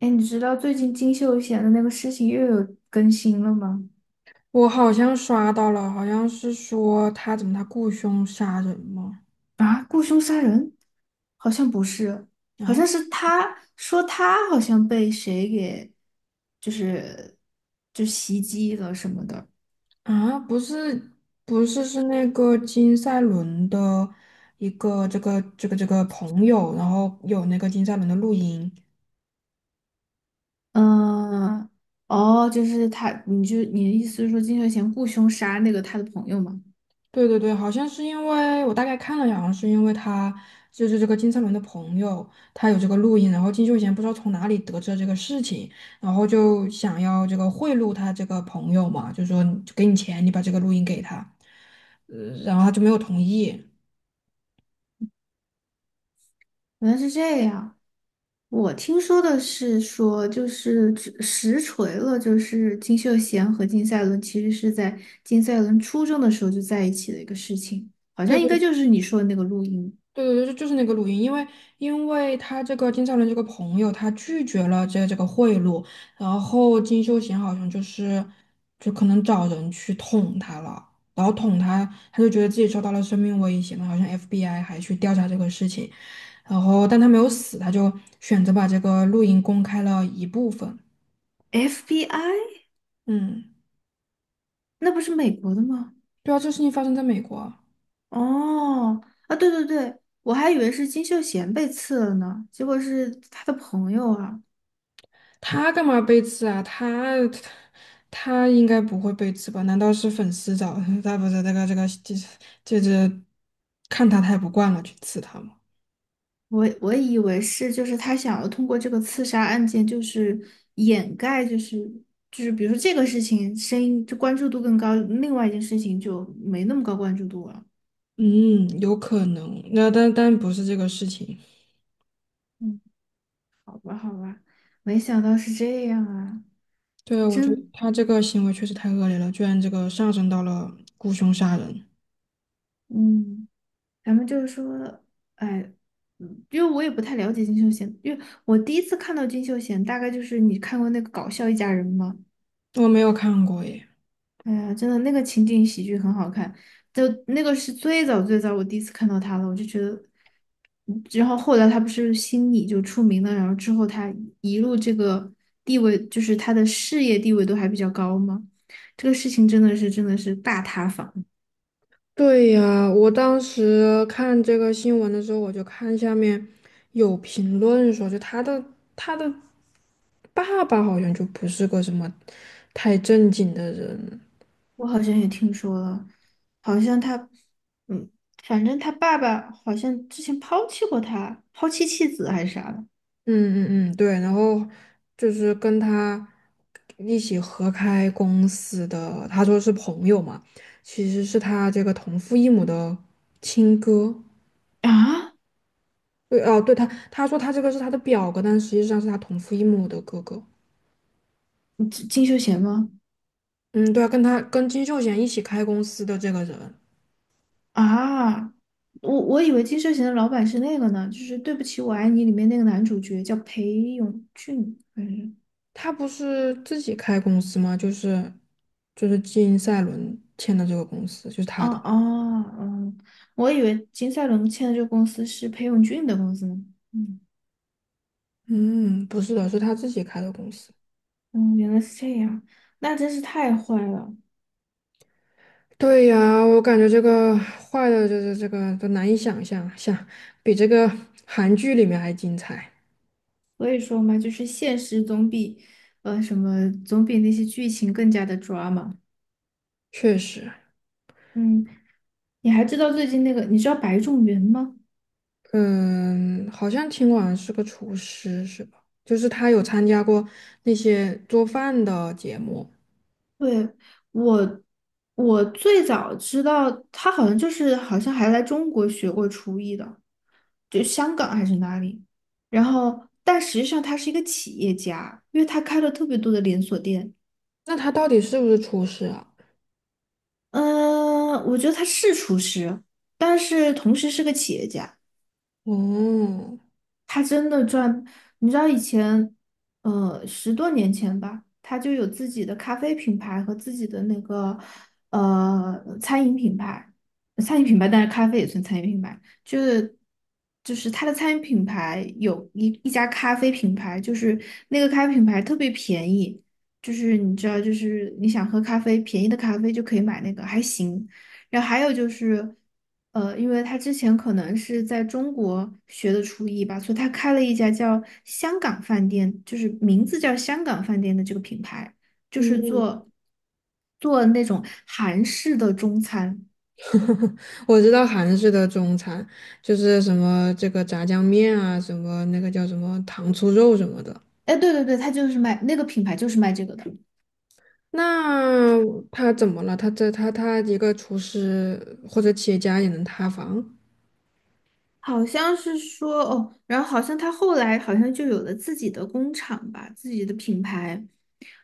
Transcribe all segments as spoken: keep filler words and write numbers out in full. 哎，你知道最近金秀贤的那个事情又有更新了吗？我好像刷到了，好像是说他怎么他雇凶杀人吗？啊，雇凶杀人？好像不是，好啊像是他说他好像被谁给，就是就袭击了什么的。啊，不是不是是那个金赛纶的一个这个这个这个朋友，然后有那个金赛纶的录音。嗯，哦，就是他，你就你的意思是说金秀贤雇凶杀那个他的朋友吗？对对对，好像是因为我大概看了一下，好像是因为他就是这个金灿纶的朋友，他有这个录音，然后金秀贤不知道从哪里得知了这个事情，然后就想要这个贿赂他这个朋友嘛，就说就给你钱，你把这个录音给他，呃然后他就没有同意。原来是这样。我听说的是说，就是只实锤了，就是金秀贤和金赛纶其实是在金赛纶初中的时候就在一起的一个事情，好对像应该对就是你说的那个录音。对对对，就是那个录音，因为因为他这个金兆伦这个朋友，他拒绝了这这个贿赂，然后金秀贤好像就是就可能找人去捅他了，然后捅他，他就觉得自己受到了生命威胁嘛，好像 F B I 还去调查这个事情，然后但他没有死，他就选择把这个录音公开了一部分。F B I？嗯，那不是美国的吗？对啊，这事情发生在美国啊。哦，啊，对对对，我还以为是金秀贤被刺了呢，结果是他的朋友啊。他干嘛被刺啊？他他应该不会被刺吧？难道是粉丝找 他？不是这个这个这这这看他太不惯了去刺他吗？我我以为是，就是他想要通过这个刺杀案件，就是掩盖，就是就是比如说这个事情，声音就关注度更高，另外一件事情就没那么高关注度了。嗯，有可能。那但但不是这个事情。嗯，没想到是这样啊，对啊，我觉得真，他这个行为确实太恶劣了，居然这个上升到了雇凶杀人。嗯，咱们就是说，哎，嗯因为我也不太了解金秀贤，因为我第一次看到金秀贤，大概就是你看过那个《搞笑一家人》吗？我没有看过耶。哎呀，真的那个情景喜剧很好看，就那个是最早最早我第一次看到他了，我就觉得，嗯然后后来他不是心理就出名了，然后之后他一路这个地位，就是他的事业地位都还比较高嘛，这个事情真的是真的是大塌房，对呀，我当时看这个新闻的时候，我就看下面有评论说，就他的他的爸爸好像就不是个什么太正经的人。我好像也听说了，好像他，嗯，反正他爸爸好像之前抛弃过他，抛弃妻子还是啥的嗯嗯嗯，对。然后就是跟他一起合开公司的，他说是朋友嘛，其实是他这个同父异母的亲哥。啊？对哦，对他，他说他这个是他的表哥，但实际上是他同父异母的哥哥。金金秀贤吗？嗯，对啊，跟他跟金秀贤一起开公司的这个人，啊，我我以为《金秀贤的老板是那个呢，就是《对不起，我爱你》里面那个男主角叫裴勇俊，还是？他不是自己开公司吗？就是就是金赛伦签的这个公司，就是他啊的。啊嗯，我以为金赛纶签的这个公司是裴勇俊的公司呢。嗯嗯，不是的，是他自己开的公司。嗯，原来是这样，那真是太坏了。对呀，我感觉这个坏的，就是这个都难以想象，想比这个韩剧里面还精彩。所以说嘛，就是现实总比呃什么总比那些剧情更加的 drama。确实。嗯，你还知道最近那个，你知道白种元吗？嗯，好像听完是个厨师是吧？就是他有参加过那些做饭的节目。对，我，我最早知道他好像就是好像还来中国学过厨艺的，就香港还是哪里。然后，但实际上他是一个企业家，因为他开了特别多的连锁店。那他到底是不是厨师啊？嗯，我觉得他是厨师，但是同时是个企业家。哦，他真的赚，你知道以前，呃，十多年前吧，他就有自己的咖啡品牌和自己的那个呃餐饮品牌，餐饮品牌，但是咖啡也算餐饮品牌，就是就是他的餐饮品牌有一一家咖啡品牌，就是那个咖啡品牌特别便宜，就是你知道，就是你想喝咖啡，便宜的咖啡就可以买那个，还行。然后还有就是，呃，因为他之前可能是在中国学的厨艺吧，所以他开了一家叫香港饭店，就是名字叫香港饭店的这个品牌，就是嗯，做做那种韩式的中餐。我知道韩式的中餐就是什么这个炸酱面啊，什么那个叫什么糖醋肉什么的。哎，对对对，他就是卖那个品牌，就是卖这个的。那他怎么了？他这他他一个厨师或者企业家也能塌房？好像是说哦，然后好像他后来好像就有了自己的工厂吧，自己的品牌，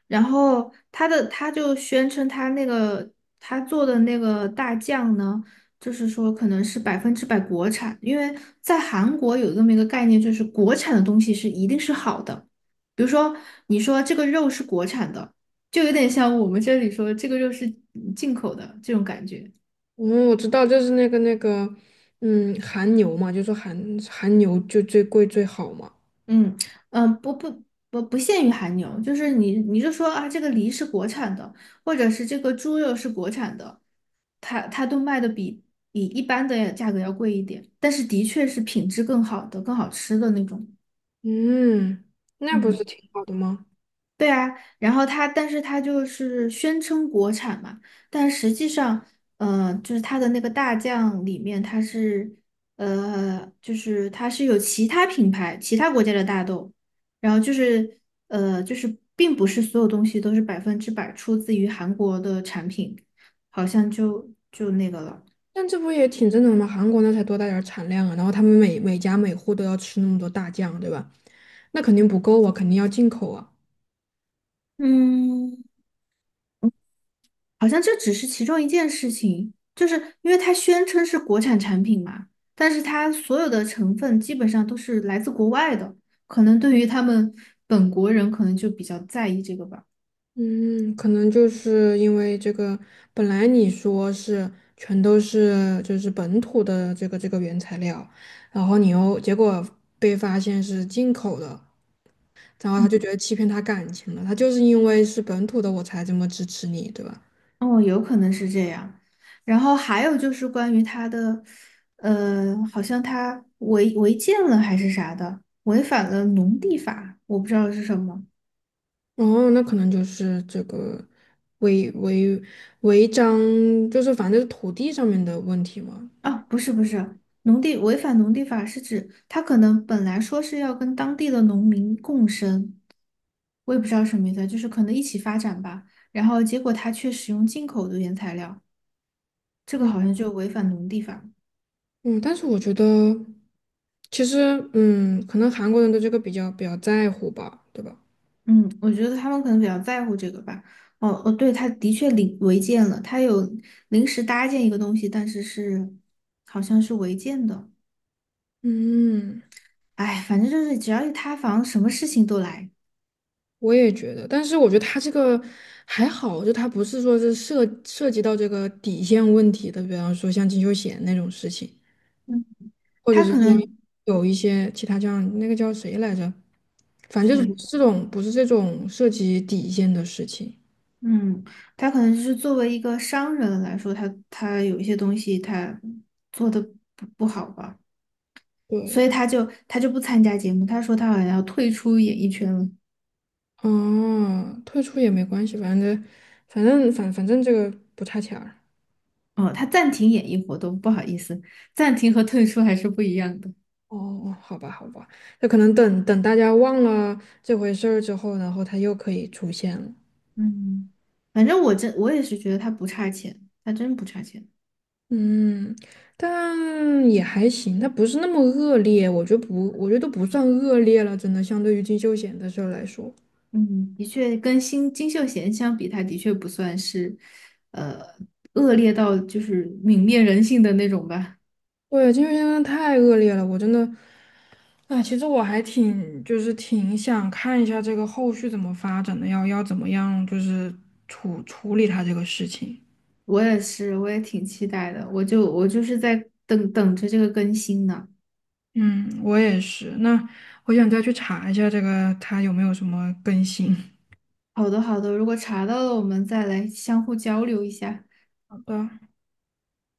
然后他的他就宣称他那个他做的那个大酱呢，就是说可能是百分之百国产，因为在韩国有这么一个概念，就是国产的东西是一定是好的。比如说你说这个肉是国产的，就有点像我们这里说这个肉是进口的这种感觉。嗯，我知道，就是那个那个，嗯，韩牛嘛，就说韩韩牛就最贵最好嘛。嗯嗯，不不不不限于韩牛，就是你你就说啊，这个梨是国产的，或者是这个猪肉是国产的，它它都卖的比比一般的价格要贵一点，但是的确是品质更好的、更好吃的那种。嗯，那不嗯。是挺好的吗？对啊，然后它，但是它就是宣称国产嘛，但实际上，呃，就是它的那个大酱里面，它是，呃，就是它是有其他品牌、其他国家的大豆，然后就是，呃，就是并不是所有东西都是百分之百出自于韩国的产品，好像就就那个了，但这不也挺正常吗？韩国那才多大点儿产量啊，然后他们每每家每户都要吃那么多大酱，对吧？那肯定不够啊，肯定要进口啊。嗯。好像这只是其中一件事情，就是因为它宣称是国产产品嘛，但是它所有的成分基本上都是来自国外的，可能对于他们本国人可能就比较在意这个吧。嗯，可能就是因为这个，本来你说是全都是就是本土的这个这个原材料，然后你又结果被发现是进口的，然后他嗯，就觉得欺骗他感情了，他就是因为是本土的我才这么支持你，对吧？哦，有可能是这样。然后还有就是关于他的，呃，好像他违违建了还是啥的，违反了农地法，我不知道是什么。哦，那可能就是这个违违违章，就是反正就是土地上面的问题嘛。啊，不是不是，农地违反农地法是指他可能本来说是要跟当地的农民共生，我也不知道什么意思啊，就是可能一起发展吧。然后结果他却使用进口的原材料，这个嗯。好像就违反农地法。嗯，但是我觉得其实嗯，可能韩国人对这个比较比较在乎吧，对吧？嗯，我觉得他们可能比较在乎这个吧。哦哦，对，他的确临违建了，他有临时搭建一个东西，但是是好像是违建的。嗯，哎，反正就是只要一塌房，什么事情都来。我也觉得，但是我觉得他这个还好，就他不是说是涉涉及到这个底线问题的，比方说像金秀贤那种事情，嗯，或者他是可像能。有一些其他这样那个叫谁来着，反正就是不对。是这种不是这种涉及底线的事情。嗯，他可能就是作为一个商人来说，他他有一些东西他做的不不好吧，所以对。他就他就不参加节目。他说他好像要退出演艺圈了。哦，退出也没关系，反正反正反反正这个不差钱儿。哦，他暂停演艺活动，不好意思，暂停和退出还是不一样的。哦，哦好吧，好吧，那可能等等大家忘了这回事儿之后，然后他又可以出现了。嗯，反正我真我也是觉得他不差钱，他真不差钱。嗯，但也还行，它不是那么恶劣，我觉得不，我觉得都不算恶劣了，真的，相对于金秀贤的事儿来说，嗯，的确跟新金秀贤相比，他的确不算是呃恶劣到就是泯灭人性的那种吧。对，金秀贤真的太恶劣了，我真的，啊，其实我还挺，就是挺想看一下这个后续怎么发展的，要要怎么样，就是处处理他这个事情。我也是，我也挺期待的。我就我就是在等等着这个更新呢。嗯，我也是。那我想再去查一下这个，它有没有什么更新。好的，好的，如果查到了，我们再来相互交流一下。好的。